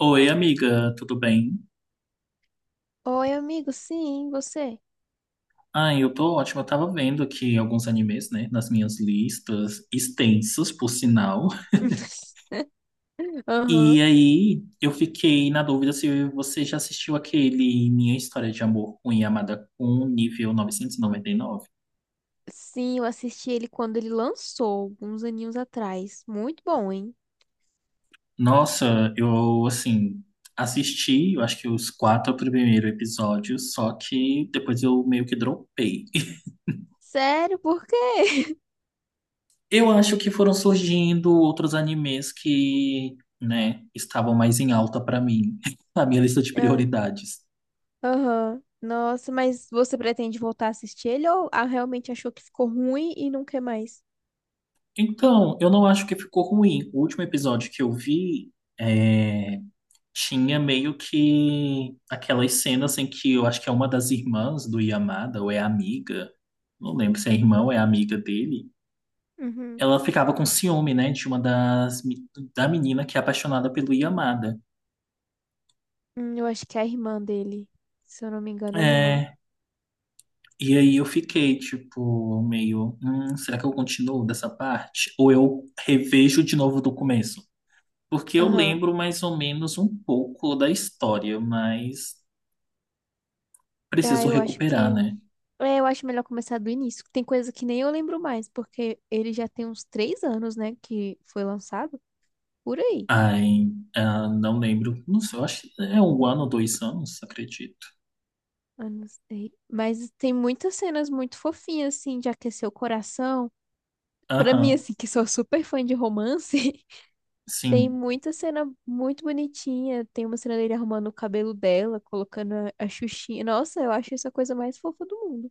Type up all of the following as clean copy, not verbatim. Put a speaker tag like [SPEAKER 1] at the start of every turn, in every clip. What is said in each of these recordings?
[SPEAKER 1] Oi, amiga, tudo bem?
[SPEAKER 2] Oi, amigo, sim, você?
[SPEAKER 1] Ai, eu tô ótima. Eu tava vendo aqui alguns animes, né, nas minhas listas, extensas, por sinal.
[SPEAKER 2] Aham.
[SPEAKER 1] E aí, eu fiquei na dúvida se você já assistiu aquele Minha História de Amor com Yamada-kun, nível novecentos e noventa e nove.
[SPEAKER 2] Sim, eu assisti ele quando ele lançou, uns aninhos atrás. Muito bom, hein?
[SPEAKER 1] Nossa, eu, assim, assisti, eu acho que os quatro primeiros episódios, só que depois eu meio que dropei.
[SPEAKER 2] Sério, por quê?
[SPEAKER 1] Eu acho que foram surgindo outros animes que, né, estavam mais em alta pra mim, na minha lista de
[SPEAKER 2] Ah,
[SPEAKER 1] prioridades.
[SPEAKER 2] aham. Nossa, mas você pretende voltar a assistir ele ou realmente achou que ficou ruim e não quer mais?
[SPEAKER 1] Então, eu não acho que ficou ruim. O último episódio que eu vi é, tinha meio que aquelas cenas em que eu acho que é uma das irmãs do Yamada, ou é amiga, não lembro se é irmã ou é amiga dele.
[SPEAKER 2] Uhum.
[SPEAKER 1] Ela ficava com ciúme, né, de uma das, me- da menina que é apaixonada pelo Yamada.
[SPEAKER 2] Eu acho que é a irmã dele. Se eu não me engano, é a irmã.
[SPEAKER 1] É. E aí eu fiquei, tipo, meio, será que eu continuo dessa parte? Ou eu revejo de novo do começo? Porque eu
[SPEAKER 2] Aham.
[SPEAKER 1] lembro mais ou menos um pouco da história, mas
[SPEAKER 2] Ah,
[SPEAKER 1] preciso
[SPEAKER 2] eu acho
[SPEAKER 1] recuperar,
[SPEAKER 2] que.
[SPEAKER 1] né?"
[SPEAKER 2] É, eu acho melhor começar do início. Tem coisa que nem eu lembro mais, porque ele já tem uns 3 anos, né, que foi lançado. Por aí.
[SPEAKER 1] Ai, ah, não lembro. Não sei, eu acho que é um ano, dois anos, acredito.
[SPEAKER 2] Eu não sei. Mas tem muitas cenas muito fofinhas, assim, de aquecer o coração. Pra mim,
[SPEAKER 1] Aham,
[SPEAKER 2] assim, que sou super fã de romance, tem
[SPEAKER 1] sim.
[SPEAKER 2] muita cena muito bonitinha. Tem uma cena dele arrumando o cabelo dela, colocando a xuxinha. Nossa, eu acho isso a coisa mais fofa do mundo.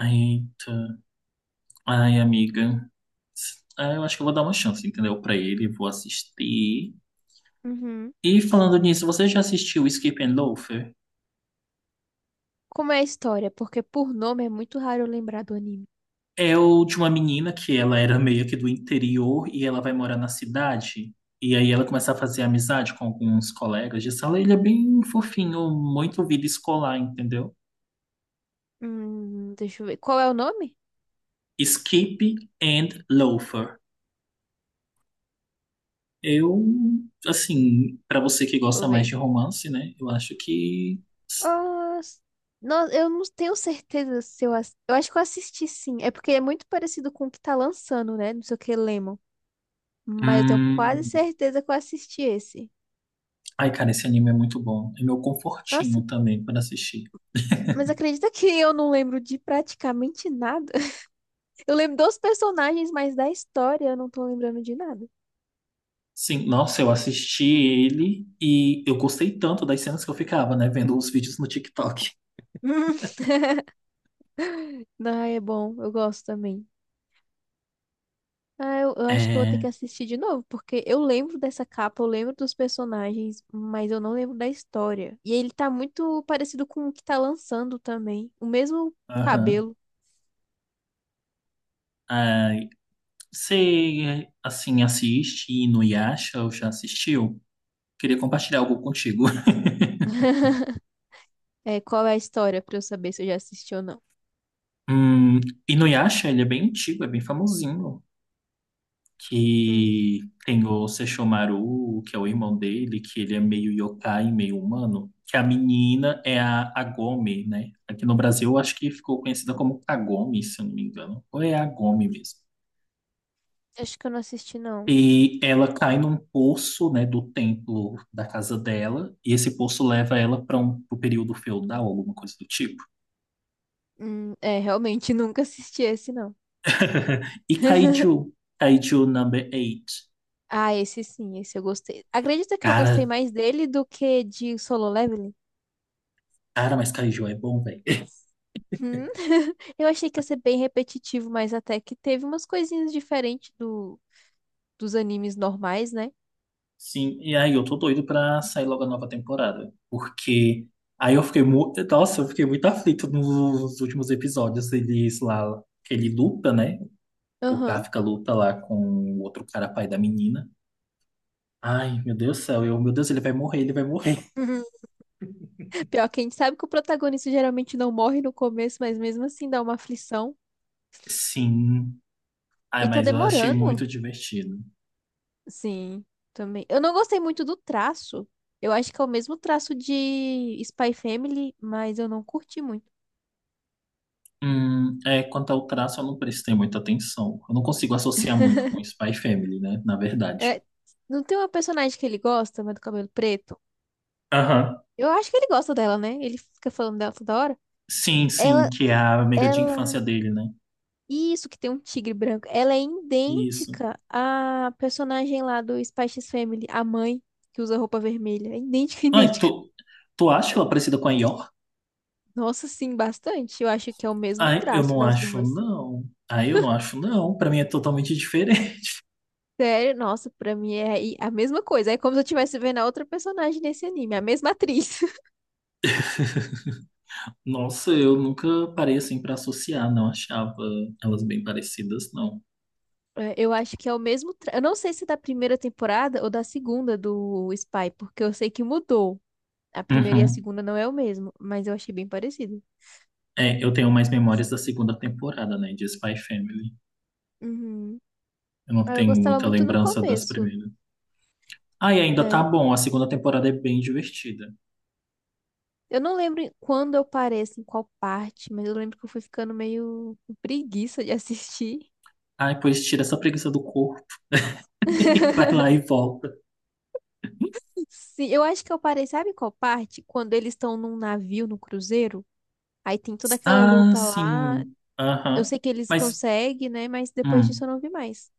[SPEAKER 1] Eita. Ai, amiga. Ah, eu acho que eu vou dar uma chance, entendeu? Pra ele, vou assistir.
[SPEAKER 2] Uhum.
[SPEAKER 1] E falando nisso, você já assistiu Skip and Loafer?
[SPEAKER 2] Como é a história? Porque por nome é muito raro eu lembrar do anime.
[SPEAKER 1] É o de uma menina que ela era meio que do interior e ela vai morar na cidade. E aí ela começa a fazer amizade com alguns colegas de sala. Ele é bem fofinho, muito vida escolar, entendeu?
[SPEAKER 2] Deixa eu ver. Qual é o nome?
[SPEAKER 1] Skip and Loafer. Eu, assim, pra você que
[SPEAKER 2] Deixa
[SPEAKER 1] gosta
[SPEAKER 2] eu
[SPEAKER 1] mais
[SPEAKER 2] ver.
[SPEAKER 1] de romance, né? Eu acho que.
[SPEAKER 2] Ah, eu não tenho certeza se eu... ass- Eu acho que eu assisti sim. É porque é muito parecido com o que tá lançando, né? Não sei o que, Lemon. Mas eu tenho quase
[SPEAKER 1] Hum...
[SPEAKER 2] certeza que eu assisti esse.
[SPEAKER 1] Ai, cara, esse anime é muito bom. É meu
[SPEAKER 2] Nossa,
[SPEAKER 1] confortinho também para assistir.
[SPEAKER 2] mas acredita que eu não lembro de praticamente nada? Eu lembro dos personagens, mas da história eu não tô lembrando de nada.
[SPEAKER 1] Sim, nossa, eu assisti ele e eu gostei tanto das cenas que eu ficava, né, vendo os vídeos no TikTok.
[SPEAKER 2] Ah, é bom. Eu gosto também. Ah, eu acho que eu vou ter que
[SPEAKER 1] É,
[SPEAKER 2] assistir de novo, porque eu lembro dessa capa, eu lembro dos personagens, mas eu não lembro da história. E ele tá muito parecido com o que tá lançando também. O mesmo
[SPEAKER 1] aham.
[SPEAKER 2] cabelo.
[SPEAKER 1] Ai, você, assim, assiste Inuyasha ou já assistiu? Queria compartilhar algo contigo.
[SPEAKER 2] É, qual é a história pra eu saber se eu já assisti ou não?
[SPEAKER 1] Hum, Inuyasha, ele é bem antigo, é bem famosinho.
[SPEAKER 2] Hum,
[SPEAKER 1] Que tem o Sesshomaru, que é o irmão dele, que ele é meio yokai, meio humano, que a menina é a Agome, né? Aqui no Brasil, eu acho que ficou conhecida como Kagome, se eu não me engano. Ou é Agome mesmo.
[SPEAKER 2] acho que eu não assisti, não.
[SPEAKER 1] E ela cai num poço, né, do templo da casa dela, e esse poço leva ela para um pro período feudal, alguma coisa do tipo.
[SPEAKER 2] É, realmente nunca assisti esse, não.
[SPEAKER 1] E Kaiju number 8.
[SPEAKER 2] Ah, esse sim, esse eu gostei. Acredita que eu gostei
[SPEAKER 1] Cara,
[SPEAKER 2] mais dele do que de Solo Leveling?
[SPEAKER 1] cara, mas Kaiju é bom, velho.
[SPEAKER 2] Hum. Eu achei que ia ser bem repetitivo, mas até que teve umas coisinhas diferentes dos animes normais, né?
[SPEAKER 1] Sim, e aí eu tô doido pra sair logo a nova temporada, porque aí nossa, eu fiquei muito aflito nos últimos episódios, eles lá, que ele luta, né? O
[SPEAKER 2] Aham.
[SPEAKER 1] Kafka luta lá com o outro cara pai da menina. Ai, meu Deus do céu, meu Deus, ele vai morrer, ele vai morrer.
[SPEAKER 2] Uhum. Pior que a gente sabe que o protagonista geralmente não morre no começo, mas mesmo assim dá uma aflição.
[SPEAKER 1] Sim. Ai,
[SPEAKER 2] E tá
[SPEAKER 1] mas eu achei
[SPEAKER 2] demorando.
[SPEAKER 1] muito divertido.
[SPEAKER 2] Sim. Também. Eu não gostei muito do traço. Eu acho que é o mesmo traço de Spy Family, mas eu não curti muito.
[SPEAKER 1] Quanto ao traço, eu não prestei muita atenção. Eu não consigo associar muito com Spy Family, né? Na verdade.
[SPEAKER 2] É, não tem uma personagem que ele gosta, mas do cabelo preto?
[SPEAKER 1] Aham.
[SPEAKER 2] Eu acho que ele gosta dela, né? Ele fica falando dela toda hora.
[SPEAKER 1] Sim, sim,
[SPEAKER 2] Ela,
[SPEAKER 1] que é a amiga de infância
[SPEAKER 2] ela
[SPEAKER 1] dele, né?
[SPEAKER 2] Isso, que tem um tigre branco. Ela é
[SPEAKER 1] Isso.
[SPEAKER 2] idêntica à personagem lá do Spice Family, a mãe que usa roupa vermelha. É idêntica,
[SPEAKER 1] Ai,
[SPEAKER 2] idêntica.
[SPEAKER 1] tu acha ela parecida com a Yor?
[SPEAKER 2] Nossa, sim, bastante. Eu acho que é o mesmo
[SPEAKER 1] Ai, eu
[SPEAKER 2] traço
[SPEAKER 1] não
[SPEAKER 2] das
[SPEAKER 1] acho,
[SPEAKER 2] duas.
[SPEAKER 1] não. Ai, eu não acho, não. Pra mim é totalmente diferente.
[SPEAKER 2] Sério, nossa, pra mim é a mesma coisa. É como se eu estivesse vendo a outra personagem nesse anime, a mesma atriz.
[SPEAKER 1] Nossa, eu nunca parei assim pra associar, não achava elas bem parecidas, não.
[SPEAKER 2] É, eu acho que é o mesmo. Eu não sei se é da primeira temporada ou da segunda do Spy, porque eu sei que mudou. A primeira e a
[SPEAKER 1] Uhum.
[SPEAKER 2] segunda não é o mesmo, mas eu achei bem parecido.
[SPEAKER 1] É, eu tenho mais memórias da segunda temporada, né, de Spy Family.
[SPEAKER 2] Uhum.
[SPEAKER 1] Eu não
[SPEAKER 2] Ah, eu
[SPEAKER 1] tenho
[SPEAKER 2] gostava
[SPEAKER 1] muita
[SPEAKER 2] muito no
[SPEAKER 1] lembrança das
[SPEAKER 2] começo.
[SPEAKER 1] primeiras. Ai, ainda tá
[SPEAKER 2] É.
[SPEAKER 1] bom, a segunda temporada é bem divertida.
[SPEAKER 2] Eu não lembro quando eu parei, assim, qual parte, mas eu lembro que eu fui ficando meio com preguiça de assistir.
[SPEAKER 1] Ai, pois tira essa preguiça do corpo e vai lá e volta.
[SPEAKER 2] Sim, eu acho que eu parei, sabe qual parte? Quando eles estão num navio, no cruzeiro, aí tem toda aquela
[SPEAKER 1] Ah,
[SPEAKER 2] luta lá.
[SPEAKER 1] sim.
[SPEAKER 2] Eu
[SPEAKER 1] Aham.
[SPEAKER 2] sei que eles
[SPEAKER 1] Mas.
[SPEAKER 2] conseguem, né? Mas depois
[SPEAKER 1] hum.
[SPEAKER 2] disso eu não vi mais.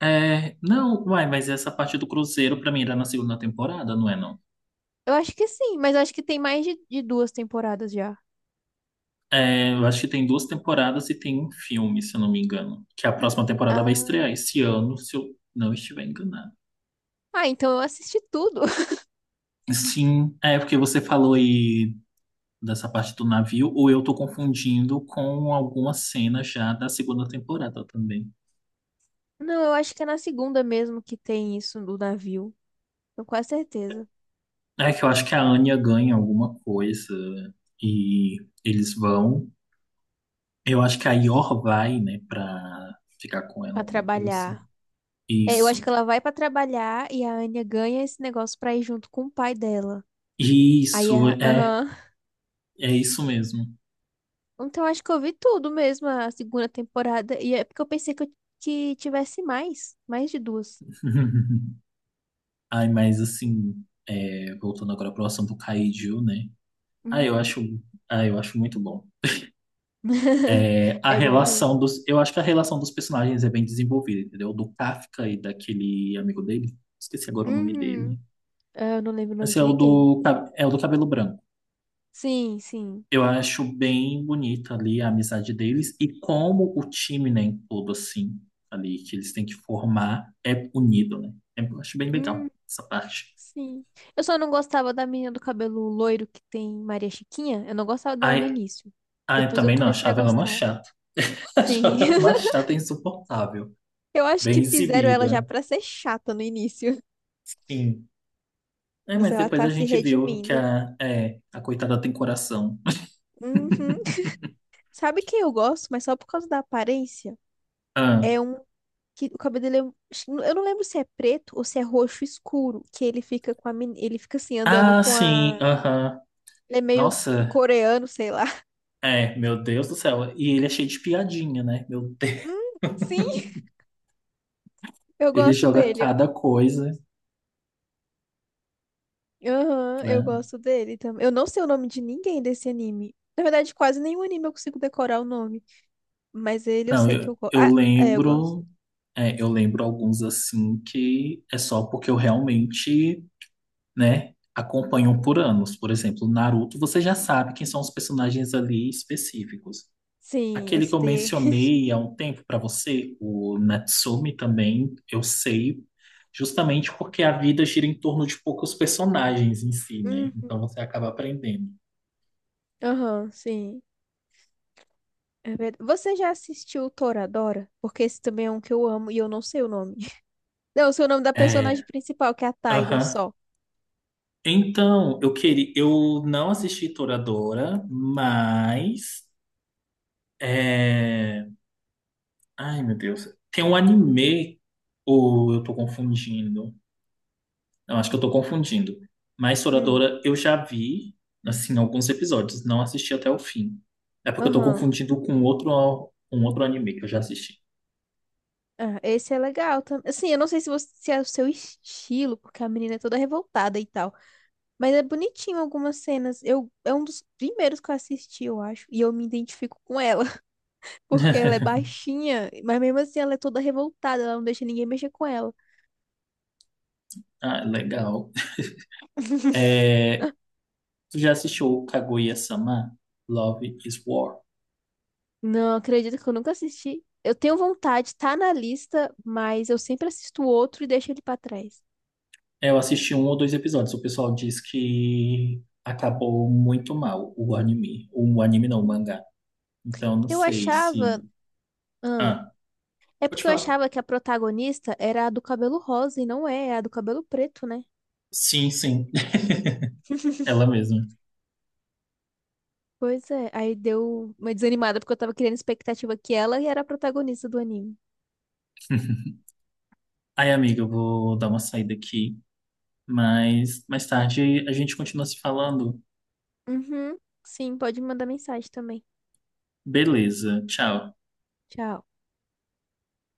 [SPEAKER 1] É, não, vai, mas essa parte do Cruzeiro pra mim era na segunda temporada, não é não?
[SPEAKER 2] Eu acho que sim, mas eu acho que tem mais de duas temporadas já.
[SPEAKER 1] É, eu acho que tem duas temporadas e tem um filme, se eu não me engano, que a próxima temporada vai estrear
[SPEAKER 2] Ah,
[SPEAKER 1] esse ano, se eu não estiver enganado.
[SPEAKER 2] ah, então eu assisti tudo.
[SPEAKER 1] Sim, é porque você falou aí dessa parte do navio, ou eu tô confundindo com alguma cena já da segunda temporada também.
[SPEAKER 2] Não, eu acho que é na segunda mesmo que tem isso do navio. Tenho quase certeza.
[SPEAKER 1] É que eu acho que a Anya ganha alguma coisa e eles vão. Eu acho que a Yor vai, né, pra ficar com ela,
[SPEAKER 2] Pra
[SPEAKER 1] alguma coisa assim.
[SPEAKER 2] trabalhar. É, eu acho
[SPEAKER 1] Isso.
[SPEAKER 2] que ela vai pra trabalhar e a Anya ganha esse negócio pra ir junto com o pai dela. Aí
[SPEAKER 1] Isso,
[SPEAKER 2] a.
[SPEAKER 1] é,
[SPEAKER 2] Aham.
[SPEAKER 1] é isso mesmo.
[SPEAKER 2] Então eu acho que eu vi tudo mesmo a segunda temporada. E é porque eu pensei que tivesse mais. Mais de duas.
[SPEAKER 1] Ai, mas assim, voltando agora pro assunto Kaiju, né? Ah, eu
[SPEAKER 2] Uhum.
[SPEAKER 1] acho, ah, eu acho muito bom. É,
[SPEAKER 2] É bom mesmo.
[SPEAKER 1] eu acho que a relação dos personagens é bem desenvolvida, entendeu? Do Kafka e daquele amigo dele, esqueci agora o nome dele.
[SPEAKER 2] Uhum. Ah, eu não lembro o nome
[SPEAKER 1] Esse é
[SPEAKER 2] de
[SPEAKER 1] o
[SPEAKER 2] ninguém.
[SPEAKER 1] do, ca- é o do cabelo branco.
[SPEAKER 2] Sim, sim.
[SPEAKER 1] Eu acho bem bonita ali a amizade deles e como o time, né, em todo assim, ali que eles têm que formar é unido, né? É, eu acho bem
[SPEAKER 2] Hum,
[SPEAKER 1] legal essa parte.
[SPEAKER 2] sim. Eu só não gostava da menina do cabelo loiro que tem Maria Chiquinha. Eu não gostava dela no
[SPEAKER 1] Ai,
[SPEAKER 2] início.
[SPEAKER 1] ai,
[SPEAKER 2] Depois eu
[SPEAKER 1] também não,
[SPEAKER 2] comecei a
[SPEAKER 1] achava ela uma
[SPEAKER 2] gostar.
[SPEAKER 1] chata. Achava
[SPEAKER 2] Sim.
[SPEAKER 1] ela uma chata insuportável.
[SPEAKER 2] Eu acho
[SPEAKER 1] Bem
[SPEAKER 2] que fizeram ela já
[SPEAKER 1] exibida.
[SPEAKER 2] pra ser chata no início,
[SPEAKER 1] Sim. É,
[SPEAKER 2] mas
[SPEAKER 1] mas
[SPEAKER 2] ela
[SPEAKER 1] depois a
[SPEAKER 2] tá se
[SPEAKER 1] gente viu que
[SPEAKER 2] redimindo.
[SPEAKER 1] a coitada tem coração.
[SPEAKER 2] Uhum. Sabe quem eu gosto, mas só por causa da aparência?
[SPEAKER 1] Ah,
[SPEAKER 2] É um que o cabelo dele é. Eu não lembro se é preto ou se é roxo escuro, que ele fica com a ele fica assim andando
[SPEAKER 1] ah
[SPEAKER 2] com
[SPEAKER 1] sim,
[SPEAKER 2] a
[SPEAKER 1] aham.
[SPEAKER 2] ele é meio
[SPEAKER 1] Nossa,
[SPEAKER 2] coreano, sei lá.
[SPEAKER 1] meu Deus do céu. E ele é cheio de piadinha, né? Meu Deus.
[SPEAKER 2] Sim, eu
[SPEAKER 1] Ele
[SPEAKER 2] gosto
[SPEAKER 1] joga
[SPEAKER 2] dele.
[SPEAKER 1] cada coisa.
[SPEAKER 2] Aham,
[SPEAKER 1] Né?
[SPEAKER 2] eu gosto dele também. Eu não sei o nome de ninguém desse anime. Na verdade, quase nenhum anime eu consigo decorar o nome, mas ele eu
[SPEAKER 1] Não,
[SPEAKER 2] sei que
[SPEAKER 1] eu,
[SPEAKER 2] eu gosto.
[SPEAKER 1] eu
[SPEAKER 2] Ah, é, eu gosto.
[SPEAKER 1] lembro, é, eu lembro alguns assim que é só porque eu realmente, né, acompanho por anos. Por exemplo, Naruto, você já sabe quem são os personagens ali específicos.
[SPEAKER 2] Sim,
[SPEAKER 1] Aquele que
[SPEAKER 2] esse
[SPEAKER 1] eu
[SPEAKER 2] daí.
[SPEAKER 1] mencionei há um tempo pra você, o Natsumi também, eu sei, justamente porque a vida gira em torno de poucos personagens em si, né?
[SPEAKER 2] Hum,
[SPEAKER 1] Então você acaba aprendendo.
[SPEAKER 2] aham, sim. É verdade. Você já assistiu o Toradora? Porque esse também é um que eu amo e eu não sei o nome. Não, eu sei o nome da personagem
[SPEAKER 1] É,
[SPEAKER 2] principal, que é a Taiga,
[SPEAKER 1] aham.
[SPEAKER 2] só.
[SPEAKER 1] Então, eu não assisti Toradora, mas é... ai meu Deus, tem um anime ou eu tô confundindo? Eu acho que eu tô confundindo. Mas
[SPEAKER 2] Hum.
[SPEAKER 1] Toradora eu já vi, assim, alguns episódios, não assisti até o fim. É porque eu tô
[SPEAKER 2] Aham.
[SPEAKER 1] confundindo um outro anime que eu já assisti.
[SPEAKER 2] Ah, esse é legal também. Assim, eu não sei se é o seu estilo, porque a menina é toda revoltada e tal. Mas é bonitinho algumas cenas. É um dos primeiros que eu assisti, eu acho. E eu me identifico com ela, porque ela é baixinha, mas mesmo assim ela é toda revoltada, ela não deixa ninguém mexer com ela.
[SPEAKER 1] Ah, legal. É... Tu já assistiu Kaguya-sama? Love is War?
[SPEAKER 2] Não, acredito que eu nunca assisti. Eu tenho vontade, tá na lista, mas eu sempre assisto outro e deixo ele pra trás.
[SPEAKER 1] Eu assisti um ou dois episódios. O pessoal diz que acabou muito mal o anime. O anime não, o mangá. Então não
[SPEAKER 2] Eu
[SPEAKER 1] sei se.
[SPEAKER 2] achava. Ah,
[SPEAKER 1] Ah,
[SPEAKER 2] é
[SPEAKER 1] pode
[SPEAKER 2] porque eu
[SPEAKER 1] falar.
[SPEAKER 2] achava que a protagonista era a do cabelo rosa e não é, é a do cabelo preto, né?
[SPEAKER 1] Sim, sim. Ela mesma.
[SPEAKER 2] Pois é, aí deu uma desanimada porque eu tava criando expectativa que ela era a protagonista do anime.
[SPEAKER 1] Ai, amiga, eu vou dar uma saída aqui. Mas mais tarde a gente continua se falando.
[SPEAKER 2] Uhum, sim, pode mandar mensagem também.
[SPEAKER 1] Beleza. Tchau.
[SPEAKER 2] Tchau.